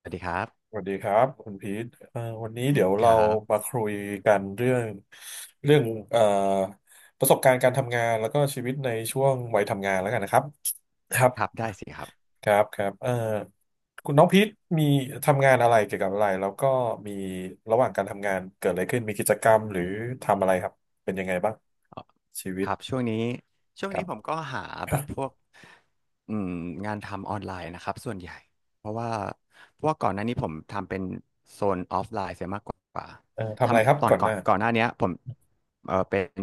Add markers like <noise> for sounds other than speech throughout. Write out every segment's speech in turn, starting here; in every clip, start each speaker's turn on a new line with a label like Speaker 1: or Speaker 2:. Speaker 1: สวัสดีครับ
Speaker 2: สวัสดีครับคุณพีทวันนี้เดี๋ยว
Speaker 1: ค
Speaker 2: เรา
Speaker 1: รับ
Speaker 2: มาคุยกันเรื่องเอ่อประสบการณ์การทำงานแล้วก็ชีวิตในช่วงวัยทำงานแล้วกันนะครับครับ
Speaker 1: ครับได้สิครับ
Speaker 2: ครับครับคุณน้องพีทมีทำงานอะไรเกี่ยวกับอะไรแล้วก็มีระหว่างการทำงานเกิดอะไรขึ้นมีกิจกรรมหรือทำอะไรครับเป็นยังไงบ้างชีวิ
Speaker 1: ค
Speaker 2: ต
Speaker 1: รับช่วงนี้
Speaker 2: ครั
Speaker 1: ผม
Speaker 2: บ
Speaker 1: ก็หาแบบพวกอืมงานทำออนไลน์นะครับส่วนใหญ่เพราะว่าเพราะว่าก่อนหน้านี้ผมทำเป็นเสียมากกว่า
Speaker 2: ทำอะไรครับ
Speaker 1: ทำตอน
Speaker 2: ก่อนห
Speaker 1: ก่อ
Speaker 2: น้า
Speaker 1: นก่อนหน้าเนี้ยผมเป็น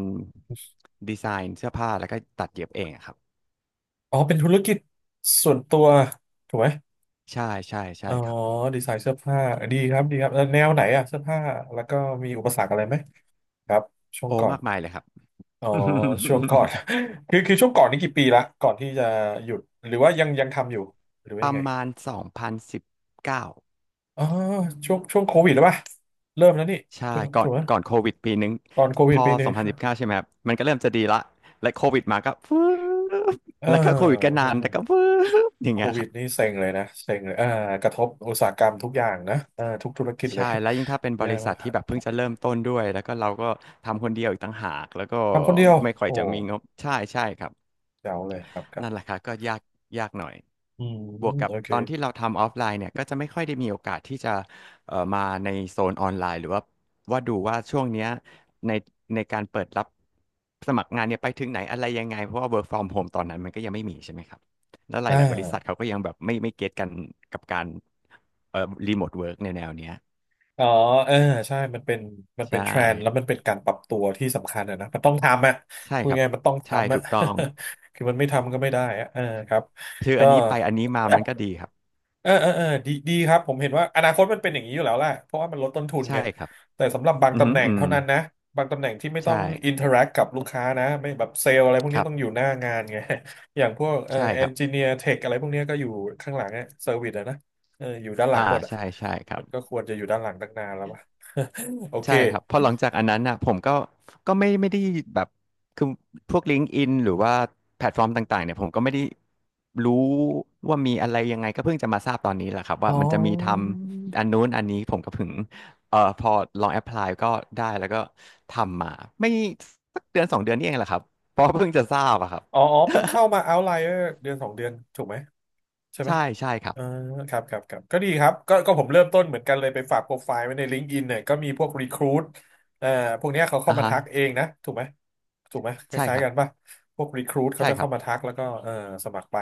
Speaker 1: ดีไซน์เสื้อผ้าแล้วก็ตัดเย็บเองอะครับ
Speaker 2: อ๋อเป็นธุรกิจส่วนตัวถูกไหม
Speaker 1: ใช่ใช่ใช่
Speaker 2: อ๋อ
Speaker 1: ครับ
Speaker 2: ดีไซน์เสื้อผ้าดีครับดีครับแนวไหนอะเสื้อผ้าแล้วก็มีอุปสรรคอะไรไหมครับช่วง
Speaker 1: โอ้
Speaker 2: ก่อน
Speaker 1: มากมายเลยครับ
Speaker 2: อ๋อ
Speaker 1: <laughs>
Speaker 2: ช่วงก่อน <laughs> คือช่วงก่อนนี่กี่ปีละก่อนที่จะหยุดหรือว่ายังยังทำอยู่หรือว่า
Speaker 1: ป
Speaker 2: ยัง
Speaker 1: ระ
Speaker 2: ไง
Speaker 1: มาณ2019
Speaker 2: อ๋อช่วงโควิดหรือเปล่าเริ่มแล้วนี่
Speaker 1: ใช่
Speaker 2: ถูก
Speaker 1: ก่อ
Speaker 2: ถู
Speaker 1: น
Speaker 2: กไหม
Speaker 1: ก่อนโควิดปีนึง
Speaker 2: ตอนโค
Speaker 1: พ
Speaker 2: วิด
Speaker 1: อ
Speaker 2: 1 ปี
Speaker 1: 2019ใช่ไหมครับมันก็เริ่มจะดีละและโควิดมาก็ฟื้บ
Speaker 2: เ
Speaker 1: แล้วก็โควิดก็
Speaker 2: ออ
Speaker 1: นานแต่ก็ฟื้บอย่าง
Speaker 2: โค
Speaker 1: เงี้ยค
Speaker 2: วิด
Speaker 1: รับ
Speaker 2: นี่เซ็งเลยนะเซ็งเลยอ่ากระทบอุตสาหกรรมทุกอย่างนะอ่าทุกธุรกิจเล
Speaker 1: ใช่
Speaker 2: ย
Speaker 1: แล้วยิ่งถ้าเป็น
Speaker 2: <laughs>
Speaker 1: บ
Speaker 2: แย่
Speaker 1: ริษั
Speaker 2: มา
Speaker 1: ทที่แบบ
Speaker 2: ก
Speaker 1: เพิ่งจะเริ่มต้นด้วยแล้วก็เราก็ทำคนเดียวอีกต่างหากแล้วก็
Speaker 2: ทำคนเดียว
Speaker 1: ไม่ค่อย
Speaker 2: โอ้
Speaker 1: จะมีงบใช่ใช่ครับ
Speaker 2: เจ๋วเลยครับครับ
Speaker 1: นั่นแหละครับก็ยากยากหน่อย
Speaker 2: อืม
Speaker 1: บวกกั
Speaker 2: โอ
Speaker 1: บ
Speaker 2: เค
Speaker 1: ตอนที่เราทำออฟไลน์เนี่ยก็จะไม่ค่อยได้มีโอกาสที่จะมาในโซนออนไลน์หรือว่าดูว่าช่วงเนี้ยในในการเปิดรับสมัครงานเนี่ยไปถึงไหนอะไรยังไงเพราะว่า work from home ตอนนั้นมันก็ยังไม่มีใช่ไหมครับแล้วห
Speaker 2: อ่
Speaker 1: ลายๆบริษัท
Speaker 2: า
Speaker 1: เขาก็ยังแบบไม่เก็ตกันกับการรีโมทเวิร์กในแนวเนี้ย
Speaker 2: อ๋อเออใช่มันเป็นมัน
Speaker 1: ใช
Speaker 2: เป็นเทรนด์แล้วมั
Speaker 1: ่
Speaker 2: นเป็นการปรับตัวที่สำคัญอะนะมันต้องทำอะ
Speaker 1: ใช่
Speaker 2: พูด
Speaker 1: ครับ
Speaker 2: ง่ายๆมันต้อง
Speaker 1: ใช่
Speaker 2: ทำอะ
Speaker 1: ถูกต้อง
Speaker 2: <laughs> คือมันไม่ทำก็ไม่ได้อะเออครับ
Speaker 1: คือ
Speaker 2: ก็
Speaker 1: อันนี้ไปอันนี้มามันก็ดีครับ
Speaker 2: เออเออเออดีดีครับผมเห็นว่าอนาคตมันเป็นอย่างนี้อยู่แล้วแหละเพราะว่ามันลดต้นทุนไง
Speaker 1: ใช่ครับ
Speaker 2: แต่สำหรับบาง
Speaker 1: อือ
Speaker 2: ตำ
Speaker 1: หื
Speaker 2: แห
Speaker 1: อ
Speaker 2: น่
Speaker 1: อื
Speaker 2: ง
Speaker 1: ม
Speaker 2: เท่านั้นนะบางตำแหน่งที่ไม่ต้อง
Speaker 1: ใช่
Speaker 2: อินเทอร์แอคกับลูกค้านะไม่แบบเซลล์อะไรพวก
Speaker 1: ค
Speaker 2: นี้
Speaker 1: รับ
Speaker 2: ต้องอยู่หน้างานไง <laughs> อย่างพวก
Speaker 1: ใช่
Speaker 2: เอ
Speaker 1: ครั
Speaker 2: น
Speaker 1: บ
Speaker 2: จิเนียร์เทคอะไรพวกนี้ก็อยู่ข้างหลังอะเซอร์วิสอะนะเอออยู่ด้านหลั
Speaker 1: อ่า
Speaker 2: งหมดอะ
Speaker 1: ใช่ใช่ครั
Speaker 2: มั
Speaker 1: บ
Speaker 2: นก็ควรจะอยู่ด้านหลังตั้งนานแล้ววะ <laughs> โอเค
Speaker 1: ใช่ครับพอหลังจากอันนั้นน่ะผมก็ก็ไม่ได้แบบคือพวกลิ n ก์อินหรือว่าแพลตฟอร์มต่างๆเนี่ยผมก็ไม่ได้รู้ว่ามีอะไรยังไงก็เพิ่งจะมาทราบตอนนี้แหละครับ
Speaker 2: อ๋
Speaker 1: ว่ามันจะมีท
Speaker 2: อ
Speaker 1: ำอันนู้นอันนี้ผมก็เพิ่งพอลองแอพพลายก็ได้แล้วก็ทำมาไม่สักเดือนสองเดือนนี่เองแหละครับเพราะเพิ่งจะทราบอะครับ
Speaker 2: อ๋ออ๋อเพิ่งเข้ามา Outlier 1-2 เดือนถูกไหมใช่ไหม
Speaker 1: ใช่ใช่ครับ
Speaker 2: อ่าครับครับครับก็ดีครับก็ผมเริ่มต้นเหมือนกันเลยไปฝากโปรไฟล์ไว้ใน LinkedIn เนี่ยก็มีพวก Recruit เอ่อพวกเนี้ยเขาเข้า
Speaker 1: อ่า
Speaker 2: มา
Speaker 1: ฮะ
Speaker 2: ทักเองนะถูกไหมถูกไหมค
Speaker 1: ใช่
Speaker 2: ล้า
Speaker 1: ค
Speaker 2: ย
Speaker 1: รั
Speaker 2: ๆ
Speaker 1: บ
Speaker 2: กันป่ะพวก Recruit เขา
Speaker 1: ใช่
Speaker 2: จะ
Speaker 1: ครั
Speaker 2: เข้า
Speaker 1: บ
Speaker 2: มาทักแล้วก็สมัครไป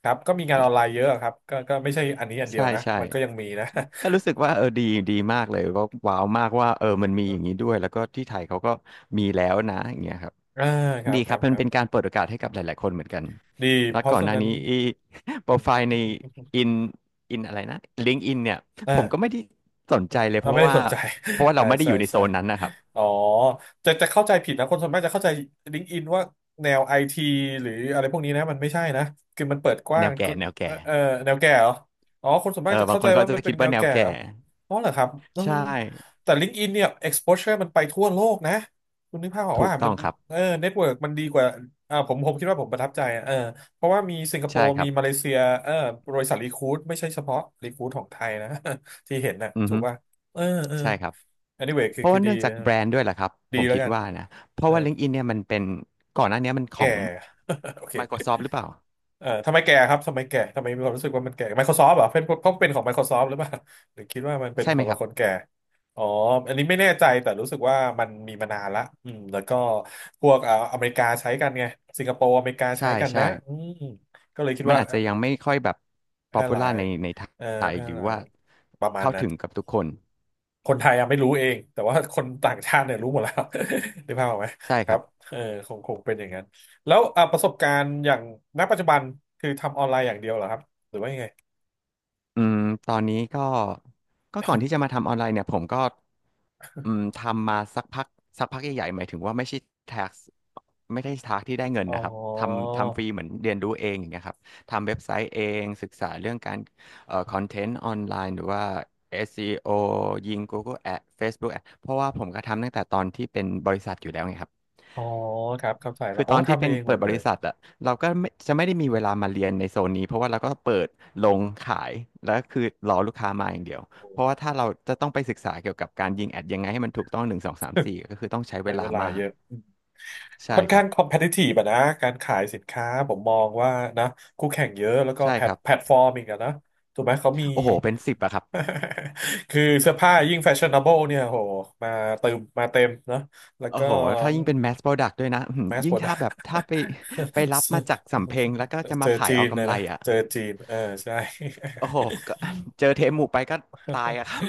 Speaker 2: ครับก็มีงานออนไลน์เยอะครับก็ไม่ใช่อันนี้อันเดีย
Speaker 1: ใช่
Speaker 2: วนะ
Speaker 1: ใช่
Speaker 2: มันก็ยังมีนะ
Speaker 1: ก็รู้สึกว่าเออดีดีมากเลยก็ว้าวมากว่าเออมันมีอย่างนี้ด้วยแล้วก็ที่ไทยเขาก็มีแล้วนะอย่างเงี้ยครับ
Speaker 2: <laughs> อ่าครับ
Speaker 1: ดี
Speaker 2: ค
Speaker 1: ค
Speaker 2: รั
Speaker 1: รับ
Speaker 2: บ
Speaker 1: มั
Speaker 2: ค
Speaker 1: น
Speaker 2: รั
Speaker 1: เป็นกา
Speaker 2: บ
Speaker 1: รเปิดโอกาสให้กับหลายๆคนเหมือนกัน
Speaker 2: ดี
Speaker 1: แล้
Speaker 2: เพ
Speaker 1: ว
Speaker 2: ราะ
Speaker 1: ก่อน
Speaker 2: ฉะ
Speaker 1: หน้า
Speaker 2: นั้น
Speaker 1: นี้อี <laughs> โป
Speaker 2: อื
Speaker 1: ร
Speaker 2: ม
Speaker 1: ไฟล์ในอินอินอะไรนะลิงก์อินเนี่ย
Speaker 2: <laughs> อ่า
Speaker 1: ผมก็ไม่ได้สนใจเลย
Speaker 2: เอา
Speaker 1: เพ
Speaker 2: ไม่
Speaker 1: ราะ
Speaker 2: ได้
Speaker 1: ว่า
Speaker 2: สนใจ
Speaker 1: เพราะว่า
Speaker 2: <laughs>
Speaker 1: เรา
Speaker 2: ใช่
Speaker 1: ไม่ได้อ
Speaker 2: ใช่
Speaker 1: ยู่ในโซ
Speaker 2: ใช่
Speaker 1: นนั้นนะครับ
Speaker 2: อ๋อจะเข้าใจผิดนะคนส่วนมากจะเข้าใจ LinkedIn ว่าแนวไอทีหรืออะไรพวกนี้นะมันไม่ใช่นะคือมันเปิดก
Speaker 1: แน
Speaker 2: ว้าง
Speaker 1: วแก่
Speaker 2: คุณ
Speaker 1: แนว
Speaker 2: เอ
Speaker 1: แก่
Speaker 2: อเออแนวแก่เหรออ๋อคนส่วน
Speaker 1: เอ
Speaker 2: มา
Speaker 1: อ
Speaker 2: กจะ
Speaker 1: บาง
Speaker 2: เข้า
Speaker 1: ค
Speaker 2: ใจ
Speaker 1: นเขา
Speaker 2: ว่า
Speaker 1: จะ
Speaker 2: มันเป็
Speaker 1: คิ
Speaker 2: น
Speaker 1: ด
Speaker 2: แน
Speaker 1: ว่า
Speaker 2: ว
Speaker 1: แนว
Speaker 2: แก่
Speaker 1: แก่
Speaker 2: เหรออ๋อเหรอครับเออ
Speaker 1: ใช่
Speaker 2: แต่ LinkedIn เนี่ย exposure มันไปทั่วโลกนะคุณนึกภาพออก
Speaker 1: ถู
Speaker 2: ว่า
Speaker 1: กต้
Speaker 2: มั
Speaker 1: อ
Speaker 2: น
Speaker 1: งครั
Speaker 2: เอ
Speaker 1: บ
Speaker 2: อเน็ตเวิร์กมันดีกว่าอ่าผมคิดว่าผมประทับใจอะเออเพราะว่ามีสิงคโป
Speaker 1: ใช่
Speaker 2: ร์
Speaker 1: ครั
Speaker 2: มี
Speaker 1: บ
Speaker 2: มาเลเซียเออบริษัทรีคูดไม่ใช่เฉพาะรีคูดของไทยนะ <laughs> ที่เห็นน่ะ
Speaker 1: อือ
Speaker 2: ถู
Speaker 1: ฮึ
Speaker 2: กป่ะเออเออ
Speaker 1: ใช่ครับ
Speaker 2: anyway คื
Speaker 1: เพ
Speaker 2: อ
Speaker 1: ราะ
Speaker 2: คือ
Speaker 1: ว่า
Speaker 2: ดี
Speaker 1: เนื่องจากแบรนด์ด้วยแหละครับ
Speaker 2: ดี
Speaker 1: ผม
Speaker 2: แล้ว
Speaker 1: คิด
Speaker 2: กัน
Speaker 1: ว่านะเพ
Speaker 2: เอ
Speaker 1: ราะ
Speaker 2: อ
Speaker 1: ว่า LinkedIn เนี่ยมันเป็นก่อนหน้าเนี้ยมันขอ
Speaker 2: แก่
Speaker 1: ง
Speaker 2: <laughs> โอเค
Speaker 1: Microsoft หรือเปล่า
Speaker 2: ทำไมแก่ครับทำไมแก่ทำไมมีความรู้สึกว่ามันแก่ Microsoft เหรอเป็นเขาเป็นของ Microsoft หรือเปล่า <laughs> หรือคิดว่ามันเป็น
Speaker 1: ใช่
Speaker 2: ข
Speaker 1: ไหม
Speaker 2: อง
Speaker 1: ครับ
Speaker 2: คนแก่อ๋ออันนี้ไม่แน่ใจแต่รู้สึกว่ามันมีมานานละอืมแล้วก็พวกอเมริกาใช้กันไงสิงคโปร์อเมริกาใช้
Speaker 1: ใช่
Speaker 2: กันนะ
Speaker 1: ใช่
Speaker 2: อืมก็เลยคิด
Speaker 1: มัน
Speaker 2: ว่า
Speaker 1: อาจจะยังไม่ค่อยแบบ
Speaker 2: แพ
Speaker 1: p o
Speaker 2: ร่
Speaker 1: p u
Speaker 2: หลา
Speaker 1: l a r
Speaker 2: ย
Speaker 1: ใน
Speaker 2: เออ
Speaker 1: ไทย
Speaker 2: แพร่
Speaker 1: หรือ
Speaker 2: หลา
Speaker 1: ว่า
Speaker 2: ยประมาณ
Speaker 1: เข้า
Speaker 2: นั้น
Speaker 1: ถึงกับทุกคน
Speaker 2: คนไทยยังไม่รู้เองแต่ว่าคนต่างชาติเนี่ยรู้หมดแล้ว <laughs> นึกภาพออกไหม
Speaker 1: ใช่
Speaker 2: ค
Speaker 1: ค
Speaker 2: รั
Speaker 1: รั
Speaker 2: บ
Speaker 1: บ
Speaker 2: เออคงคงเป็นอย่างนั้นแล้วอ่ะประสบการณ์อย่างณปัจจุบันคือทำออนไลน์อย่างเดียวเหรอครับหรือว่ายังไง
Speaker 1: อืมตอนนี้ก็ก็ก่อนที่จะมาทำออนไลน์เนี่ยผมก็ทำมาสักพักสักพักใหญ่ๆหมายถึงว่าไม่ใช่ tax ไม่ได้ tax ที่ได้เงิน
Speaker 2: อ๋อ
Speaker 1: นะครับทำฟรีเหมือนเรียนรู้เองอย่างเงี้ยครับทำเว็บไซต์เองศึกษาเรื่องการคอนเทนต์ออนไลน์หรือว่า SEO ยิง Google Ad Facebook Ad เพราะว่าผมก็ทำตั้งแต่ตอนที่เป็นบริษัทอยู่แล้วไงครับ
Speaker 2: อ๋อครับเข้าใจแล้
Speaker 1: คื
Speaker 2: ว
Speaker 1: อ
Speaker 2: อ๋อ
Speaker 1: ตอนที่
Speaker 2: ทำ
Speaker 1: เป็
Speaker 2: เอ
Speaker 1: น
Speaker 2: งหม
Speaker 1: เปิ
Speaker 2: ด
Speaker 1: ดบ
Speaker 2: เลย
Speaker 1: ริษัทอะเราก็ไม่ได้มีเวลามาเรียนในโซนนี้เพราะว่าเราก็เปิดลงขายแล้วก็คือรอลูกค้ามาอย่างเดียว
Speaker 2: โอ้
Speaker 1: เพราะว่าถ้าเราจะต้องไปศึกษาเกี่ยวกับการยิงแอดยังไงให้มันถูกต้องหนึ่งสองสามสี่ก็คือต้องใช้
Speaker 2: <laughs>
Speaker 1: เว
Speaker 2: ใช้เว
Speaker 1: ลา
Speaker 2: ลา
Speaker 1: มาก
Speaker 2: เยอะ
Speaker 1: ใช่
Speaker 2: ค่อน
Speaker 1: ครั
Speaker 2: ข้าง
Speaker 1: บ
Speaker 2: คอมเพ t i ิ i v e อะนะ การขายสินค้า ผมมองว่านะ คู่แข่งเยอะ แล้วก็
Speaker 1: ใช่
Speaker 2: แพล
Speaker 1: ค
Speaker 2: ต
Speaker 1: รับ
Speaker 2: แพลตฟอร์มอีกอะนะ ถูกไหมเขามี
Speaker 1: โอ้โหเป็นสิบอะครับ
Speaker 2: <laughs> คือเสื้อผ้ายิ่งแฟชั่น n a b l e เนี่ยโหมาเติมมาเต็มเนอะแล้ว
Speaker 1: โอ้
Speaker 2: ก็
Speaker 1: โหถ้ายิ่งเป็น mass product ด้วยนะอื้อหือ
Speaker 2: mass
Speaker 1: ยิ่งถ้าแบบ
Speaker 2: product
Speaker 1: ไปไปรับมาจากสำเพ็งแล้วก็จะ
Speaker 2: <laughs> เจ
Speaker 1: มา
Speaker 2: อ
Speaker 1: ขาย
Speaker 2: จี
Speaker 1: เอา
Speaker 2: นนะ
Speaker 1: กำไร
Speaker 2: นะ
Speaker 1: อะ
Speaker 2: เจอจีน เออใช่
Speaker 1: โอ้โหก็เจอเทปหมู่ไปก็ตายอะครับ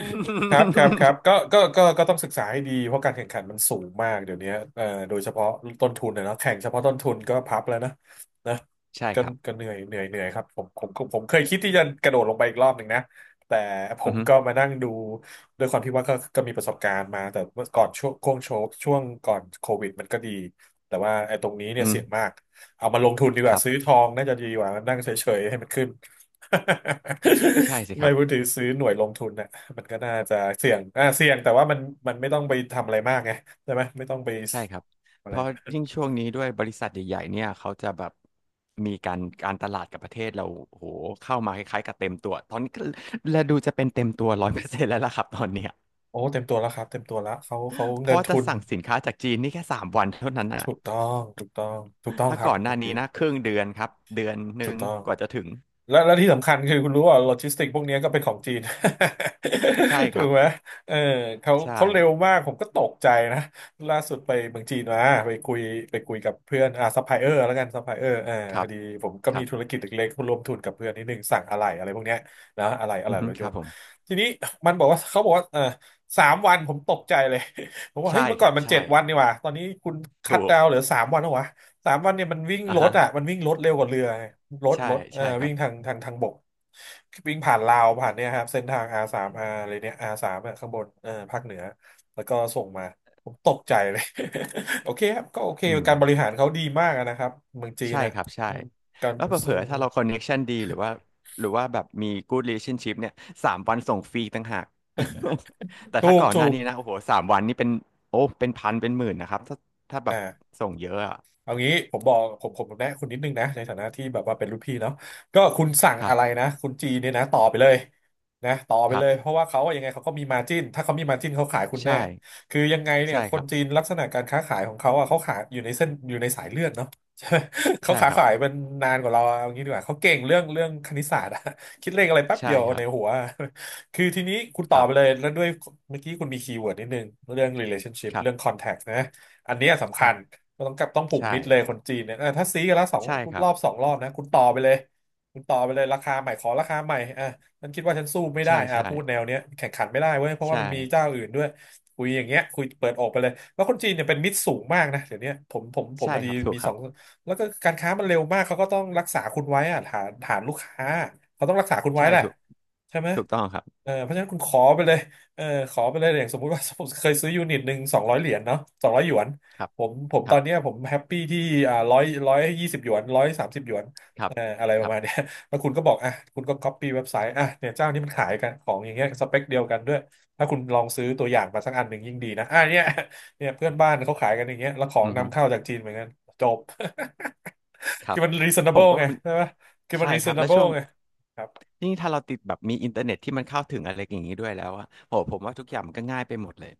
Speaker 2: ครับครับครับก็ต้องศึกษาให้ดีเพราะการแข่งขันมันสูงมากเดี๋ยวนี้โดยเฉพาะต้นทุนนะเนาะแข่งเฉพาะต้นทุนก็พับแล้วนะนะ
Speaker 1: <laughs> ใช่
Speaker 2: ก็
Speaker 1: ครับ
Speaker 2: ก็เหนื่อยครับผมเคยคิดที่จะกระโดดลงไปอีกรอบหนึ่งนะแต่ผ
Speaker 1: อือ
Speaker 2: ม
Speaker 1: ฮึ
Speaker 2: ก็มานั่งดูด้วยความที่ว่าก็มีประสบการณ์มาแต่เมื่อก่อนช่วงก่อนโควิดมันก็ดีแต่ว่าไอ้ตรงนี้เนี่
Speaker 1: อื
Speaker 2: ย
Speaker 1: อฮึ
Speaker 2: เสี่ยงมากเอามาลงทุนดีก
Speaker 1: ค
Speaker 2: ว่า
Speaker 1: รั
Speaker 2: ซื้อ
Speaker 1: บ
Speaker 2: ทองน่าจะดีกว่านั่งเฉยๆให้มันขึ้น <laughs>
Speaker 1: ใช่สิค
Speaker 2: ไม่
Speaker 1: รับ
Speaker 2: พูดถึงซื้อหน่วยลงทุนนะ มันก็น่าจะเสี่ยงเสี่ยงแต่ว่ามันไม่ต้องไปทำอะไรมากไงใช่ไหม ไม่ต้องไป
Speaker 1: ใช่ครับ
Speaker 2: อะ
Speaker 1: เพ
Speaker 2: ไร
Speaker 1: ราะ
Speaker 2: มาก
Speaker 1: ยิ่งช่วงนี้ด้วยบริษัทใหญ่ๆเนี่ยเขาจะแบบมีการตลาดกับประเทศเราโอ้โหเข้ามาคล้ายๆกับเต็มตัวตอนนี้ก็และดูจะเป็นเต็มตัว100%แล้วล่ะครับตอนเนี้ย
Speaker 2: โอ้เต็มตัวแล้วครับเต็มตัวแล้วเขา
Speaker 1: เพ
Speaker 2: เงิ
Speaker 1: ราะ
Speaker 2: น
Speaker 1: ว่าจะ
Speaker 2: ทุน
Speaker 1: สั่งสินค้าจากจีนนี่แค่สามวันเท่านั้นอ่ะ
Speaker 2: ถูกต้อง ถูกต้องถูกต้อง
Speaker 1: ถ้า
Speaker 2: ครั
Speaker 1: ก่
Speaker 2: บ
Speaker 1: อนห
Speaker 2: คุ
Speaker 1: น้า
Speaker 2: ณ
Speaker 1: นี้
Speaker 2: พี
Speaker 1: นะ
Speaker 2: ท
Speaker 1: ครึ่งเดือนครับเดือนห
Speaker 2: ถู
Speaker 1: นึ่
Speaker 2: ก
Speaker 1: ง
Speaker 2: ต้อง
Speaker 1: กว่าจะถึง
Speaker 2: แล้วและที่สำคัญคือคุณรู้ว่าโลจิสติกพวกเนี้ยก็เป็นของจีน
Speaker 1: ใช่
Speaker 2: <laughs>
Speaker 1: ค
Speaker 2: ถู
Speaker 1: รั
Speaker 2: ก
Speaker 1: บ
Speaker 2: ไหมเออเขา
Speaker 1: ใช่
Speaker 2: เขาเร็วมากผมก็ตกใจนะล่าสุดไปเมืองจีนมาไปคุยไปคุยกับเพื่อนซัพพลายเออร์แล้วกันซัพพลายเออร์อ่า
Speaker 1: ค
Speaker 2: พ
Speaker 1: รั
Speaker 2: อ
Speaker 1: บ
Speaker 2: ดีผมก็
Speaker 1: ครั
Speaker 2: มี
Speaker 1: บ
Speaker 2: ธุรกิจเล็กๆร่วมทุนกับเพื่อนนิดนึงสั่งอะไหล่อะไรพวกเนี้ยนะอะไหล่อะไห
Speaker 1: อื
Speaker 2: ล่
Speaker 1: อฮึ
Speaker 2: รถ
Speaker 1: ค
Speaker 2: ย
Speaker 1: รั
Speaker 2: น
Speaker 1: บ
Speaker 2: ต์
Speaker 1: ผม
Speaker 2: ทีนี้มันบอกว่าเขาบอกว่าเออสามวันผมตกใจเลย <laughs> ผมว่า
Speaker 1: ใช่
Speaker 2: เฮ้ยเมื่อ
Speaker 1: ค
Speaker 2: ก่อ
Speaker 1: รั
Speaker 2: น
Speaker 1: บ
Speaker 2: มัน
Speaker 1: ใช่
Speaker 2: เจ็ดวันนี่หว่าตอนนี้คุณคัต
Speaker 1: ถูก
Speaker 2: ดาวน์เหลือสามวันแล้ววะ สามวันเนี่ยมันวิ่ง
Speaker 1: อ่ะ
Speaker 2: รถ
Speaker 1: ฮะ
Speaker 2: อ่ะมันวิ่งรถเร็วกว่าเรือไงรถ
Speaker 1: ใช่
Speaker 2: รถเออ
Speaker 1: ใช่ครั
Speaker 2: วิ่
Speaker 1: บ
Speaker 2: งทางบกวิ่งผ่านลาวผ่านเนี่ยครับเส้นทาง R สาม R อะไรเนี่ย R สามอะข้างบนเออภาคเหนือแล้วก็ส่งมาผมตกใจเลย <laughs> โอเคครับก็โอเค
Speaker 1: อืม
Speaker 2: การบริหารเขาดีมากอะนะครับเมืองจีน
Speaker 1: ใช่
Speaker 2: น่ะ
Speaker 1: ครับใช่
Speaker 2: อืมการ
Speaker 1: แล้วเผล
Speaker 2: ซึ่
Speaker 1: อ
Speaker 2: ง
Speaker 1: ๆถ้าเราคอนเน็กชันดีหรือว่าแบบมี good relationship เนี่ย3 วันส่งฟรีต่างหาก <laughs> แต่
Speaker 2: ถู
Speaker 1: ถ้า
Speaker 2: ก
Speaker 1: ก่อน
Speaker 2: ถู
Speaker 1: หน้า
Speaker 2: ก
Speaker 1: นี้นะโอ้โหสามวันนี่เป็นโอ้เป็นพันเป็นหมื่นนะครับถ้าแบบ
Speaker 2: อ่า
Speaker 1: ส่งเยอะอะ
Speaker 2: เอางี้ผมบอกผมแนะคุณนิดนึงนะในฐานะที่แบบว่าเป็นรุ่นพี่เนาะก็คุณสั่ง
Speaker 1: ครั
Speaker 2: อะไร
Speaker 1: บ
Speaker 2: นะคุณจีเนี่ยนะต่อไปเลยนะต่อไป
Speaker 1: ครั
Speaker 2: เลยเพ
Speaker 1: บ
Speaker 2: ราะว่าเขาอะยังไงเขาก็มีมาจิ้นถ้าเขามีมาจิ้นเขาขายคุณแน่
Speaker 1: ใช่
Speaker 2: คือยังไงเนี่ย
Speaker 1: ใช่
Speaker 2: ค
Speaker 1: ค
Speaker 2: น
Speaker 1: รับ
Speaker 2: จีนลักษณะการค้าขายของเขาอ่ะเขาขายอยู่ในเส้นอยู่ในสายเลือดเนาะ <laughs> ใช่ไหมเขา
Speaker 1: ใช่
Speaker 2: ขา
Speaker 1: ครับ
Speaker 2: ขายมันนานกว่าเราอะเอางี้ดีกว่าเขาเก่งเรื่องคณิตศาสตร์อะคิดเลขอะไรแป๊บเดี
Speaker 1: ใช่
Speaker 2: ยว
Speaker 1: ครั
Speaker 2: ใน
Speaker 1: บ
Speaker 2: หัวคือทีนี้คุณต่
Speaker 1: ค
Speaker 2: อ
Speaker 1: รับ
Speaker 2: ไปเลยแล้วด้วยเมื่อกี้คุณมีคีย์เวิร์ดนิดนึงเรื่อง relationship
Speaker 1: ครั
Speaker 2: เรื่อง
Speaker 1: บ
Speaker 2: contact นะอันเนี้ยสำ
Speaker 1: ค
Speaker 2: คั
Speaker 1: รั
Speaker 2: ญ
Speaker 1: บ
Speaker 2: ก็ต้องกลับต้องผูก
Speaker 1: ใช่
Speaker 2: มิดเลยคนจีนเนี่ยเออถ้าซื้อกันละสอง
Speaker 1: ใช่ครั
Speaker 2: ร
Speaker 1: บ
Speaker 2: อบสองรอบนะคุณต่อไปเลยคุณต่อไปเลยราคาใหม่ขอราคาใหม่อ่ะฉันคิดว่าฉันสู้ไม่ได้
Speaker 1: ใช่
Speaker 2: อ่ะ
Speaker 1: ใช่
Speaker 2: พูดแนวเนี้ยแข่งขันไม่ได้เว้ยเพราะว่ามั
Speaker 1: ใช่
Speaker 2: นมีเจ้าอื่นด้วยคุยอย่างเงี้ยคุยเปิดอกไปเลยแล้วคนจีนเนี่ยเป็นมิตรสูงมากนะเดี๋ยวเนี้ยผม
Speaker 1: ใช่
Speaker 2: พอ
Speaker 1: ค
Speaker 2: ดี
Speaker 1: รับถูก
Speaker 2: มี
Speaker 1: ค
Speaker 2: สอ
Speaker 1: รับ
Speaker 2: งแล้วก็การค้ามันเร็วมากเขาก็ต้องรักษาคุณไว้อ่ะฐานลูกค้าเขาต้องรักษาคุณไว้
Speaker 1: ใช่
Speaker 2: แหละ
Speaker 1: ถูก
Speaker 2: ใช่ไหม
Speaker 1: ถูกต้องครับ
Speaker 2: เออเพราะฉะนั้นคุณขอไปเลยเออขอไปเลยอย่างสมมุติว่าผมเคยซื้อยูนิตหนึ่งสองร้อยเหรียญเนาะสองร้อยหยวน
Speaker 1: ครับ
Speaker 2: ผม
Speaker 1: ค
Speaker 2: ตอ
Speaker 1: รั
Speaker 2: นเนี้ย
Speaker 1: บ
Speaker 2: ผมแฮปปี้ที่อ่าร้อยยี่สิบหยวนร้อยสามสิบหยวน
Speaker 1: ครับ
Speaker 2: อะไรป
Speaker 1: ค
Speaker 2: ระ
Speaker 1: รับ
Speaker 2: มาณเนี้ย <laughs> แล้วคุณก็บอกอ่ะคุณก็ c o อปปี้เว็บไซต์อ่ะเนี่ยเจ้านี้มันขายกันของอย่างเงี้ยสเปคเดียวกันด้วยถ้าคุณลองซื้อตัวอย่างมาสักอันหนึ่งยิ่งดีนะอ่ะเนี่ย <laughs> เนี่ยเพื่อนบ้านเขาขายกันอย่างเงี้ยแล้วของ
Speaker 1: อือฮึ
Speaker 2: นำเข้าจากจีนเหมือนกันจบ
Speaker 1: ค
Speaker 2: <laughs>
Speaker 1: รั
Speaker 2: คือ
Speaker 1: บ
Speaker 2: มัน
Speaker 1: ผม
Speaker 2: reasonable
Speaker 1: ก็
Speaker 2: ไง
Speaker 1: เป็น
Speaker 2: ใช่ไหมคือมัน
Speaker 1: ใช่ครับแล้วช่
Speaker 2: reasonable
Speaker 1: วง
Speaker 2: ไงครับ
Speaker 1: นี่ถ้าเราติดแบบมีอินเทอร์เน็ตที่มันเข้าถึงอะไรอย่างนี้ด้วยแล้วอะโหผมว่าทุกอย่างมันก็ง่ายไปหมดเลย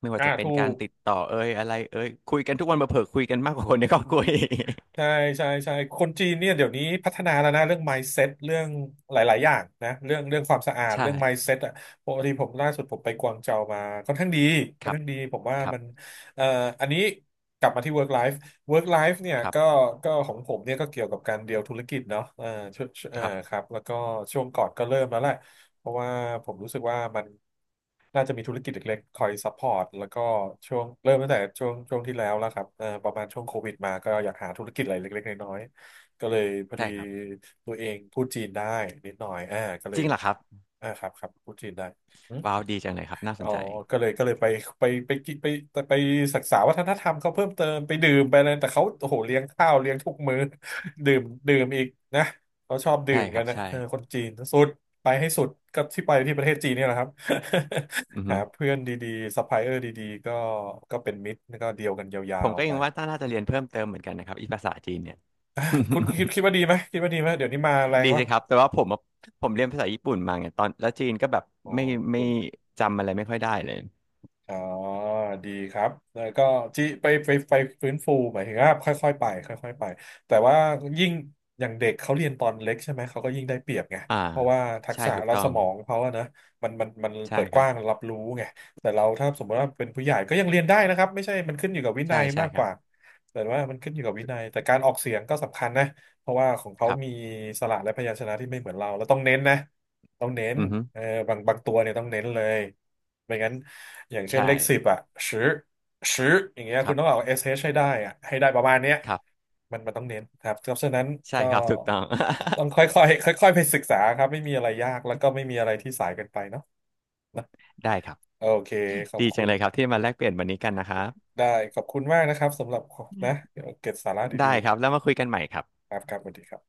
Speaker 1: ไม่ว่า
Speaker 2: อ่า
Speaker 1: จะเป็น
Speaker 2: ถู
Speaker 1: การ
Speaker 2: ก
Speaker 1: ติดต่อเอ่ยอะไรเอ่ยคุยกันทุกวันมาเผลอๆคุยกันมากกว่าคนในครอบครัว <laughs> อีก
Speaker 2: ใช่ใช่ใช่คนจีนเนี่ยเดี๋ยวนี้พัฒนาแล้วนะเรื่อง mindset เรื่องหลายๆอย่างนะเรื่องความสะอา
Speaker 1: <laughs>
Speaker 2: ด
Speaker 1: ใช่
Speaker 2: เรื่อง mindset อ่ะปกติผมล่าสุดผมไปกวางเจามาค่อนข้างดีค่
Speaker 1: ค
Speaker 2: อน
Speaker 1: รับ
Speaker 2: ข้างดีผมว่า
Speaker 1: ครับ
Speaker 2: มันเอ่ออันนี้กลับมาที่ work life work life เนี่ย
Speaker 1: ครั
Speaker 2: ก็
Speaker 1: บ
Speaker 2: ก็ของผมเนี่ยก็เกี่ยวกับการเดียวธุรกิจเนาะช่วง
Speaker 1: ครั
Speaker 2: ค
Speaker 1: บ
Speaker 2: รับแล้วก็ช่วงก่อนก็เริ่มแล้วแหละ เพราะว่าผมรู้สึกว่ามันน่าจะมีธุรกิจเล็กๆคอยซัพพอร์ตแล้วก็ช่วงเริ่มตั้งแต่ช่วงที่แล้วแล้วครับประมาณช่วงโควิดมาก็อยากหาธุรกิจอะไรเล็กๆน้อยๆก็เลยพอดี
Speaker 1: ใช่ครับ
Speaker 2: ตัวเองพูดจีนได้นิดหน่อยก็เล
Speaker 1: จ
Speaker 2: ย
Speaker 1: ริงเหรอครับ
Speaker 2: อ่าครับครับพูดจีนได้
Speaker 1: ว้าวดีจังเลยครับน่าส
Speaker 2: อ๋อ
Speaker 1: นใจ
Speaker 2: ก็เลยไปไปกินไปศึกษาวัฒนธรรมเขาเพิ่มเติมไปดื่มไปอะไรแต่เขาโอ้โหเลี้ยงข้าวเลี้ยงทุกมื้อ <laughs> ดื่มดื่มอีกนะเขาชอบดื่
Speaker 1: ใช่
Speaker 2: ม
Speaker 1: ค
Speaker 2: กั
Speaker 1: รั
Speaker 2: น
Speaker 1: บ
Speaker 2: นะ
Speaker 1: ใช่
Speaker 2: เออคนจีนสุดไปให้สุดก็ที่ไปที่ประเทศจีนเนี่ยแหละครับ
Speaker 1: อือ
Speaker 2: <laughs>
Speaker 1: ฮึ
Speaker 2: หาเพื่อนดีๆซัพพลายเออร์ดีๆก็ก็เป็นมิตรแล้วก็เดียวกันยา
Speaker 1: ผม
Speaker 2: ว
Speaker 1: ก็
Speaker 2: ๆไป
Speaker 1: ยังว่าน่าจะเรียนเพิ่มเติมเหมือนกันนะครับอีภาษาจีนเนี่ย
Speaker 2: คุณคิด
Speaker 1: <laughs>
Speaker 2: คิดว่าดีไหมคิดว่าดีไหมเดี๋ยวนี้มาแรง
Speaker 1: ดี
Speaker 2: วะ
Speaker 1: สิครับแต่ว่าผมอะผมเรียนภาษาญี่ปุ่นมาไงตอนแล้วจีนก็แบบ
Speaker 2: อ๋อ
Speaker 1: ไม่
Speaker 2: ญี่
Speaker 1: ไม่
Speaker 2: ปุ่น
Speaker 1: จำอะไรไม่ค่อยได้เลย
Speaker 2: อ๋อดีครับแล้วก็ที่ไปฟื้นฟูหมายถึงว่าค่อยๆไปค่อยๆไปแต่ว่ายิ่งอย่างเด็กเขาเรียนตอนเล็กใช่ไหมเขาก็ยิ่งได้เปรียบไง
Speaker 1: อ่า
Speaker 2: เพราะว่าทัก
Speaker 1: ใช่
Speaker 2: ษะ
Speaker 1: ถูก
Speaker 2: และ
Speaker 1: ต้อ
Speaker 2: ส
Speaker 1: ง
Speaker 2: มองเขาอะนะมันเปิ
Speaker 1: ใช่
Speaker 2: ด
Speaker 1: ค
Speaker 2: ก
Speaker 1: รับ
Speaker 2: ว้างรับรู้ไงแต่เราถ้าสมมติว่าเป็นผู้ใหญ่ก็ยังเรียนได้นะครับไม่ใช่มันขึ้นอยู่กับวินั
Speaker 1: ใช่
Speaker 2: ย
Speaker 1: ใช่
Speaker 2: มาก
Speaker 1: ค
Speaker 2: ก
Speaker 1: รั
Speaker 2: ว่า
Speaker 1: บ
Speaker 2: แต่ว่ามันขึ้นอยู่กับวินัยแต่การออกเสียงก็สำคัญนะเพราะว่าของเขา
Speaker 1: ครับ
Speaker 2: มีสระและพยัญชนะที่ไม่เหมือนเราแล้วต้องเน้นนะต้องเน้น
Speaker 1: อือฮึ
Speaker 2: เออบางตัวเนี่ยต้องเน้นเลยไม่งั้น อย่างเช่น
Speaker 1: ใช่
Speaker 2: เลขสิบอ่ะชื้อชื้ออย่างเงี้ย
Speaker 1: ค
Speaker 2: คุ
Speaker 1: รั
Speaker 2: ณต้องเอา
Speaker 1: บ
Speaker 2: SH ให้ได้อ่ะให้ได้ประมาณเนี้ย
Speaker 1: ครับ
Speaker 2: มันต้องเน้นครับเพราะฉะนั้น
Speaker 1: ใช่
Speaker 2: ก็
Speaker 1: ครับถูกต้อง
Speaker 2: ต้องค่อยๆค่อยๆไปศึกษาครับไม่มีอะไรยากแล้วก็ไม่มีอะไรที่สายเกินไปเนาะ
Speaker 1: <laughs> ได้ครับ
Speaker 2: โอเคขอบ
Speaker 1: ดีจั
Speaker 2: คุ
Speaker 1: ง
Speaker 2: ณ
Speaker 1: เลยครับที่มาแลกเปลี่ยนวันนี้กันนะครับ
Speaker 2: ได้ขอบคุณมากนะครับสำหรับนะเดี๋ยวเก็บสาระ
Speaker 1: ได้
Speaker 2: ดี
Speaker 1: ครับแล้วมาคุยกันใหม่ครับ
Speaker 2: ๆครับครับสวัสดีครับ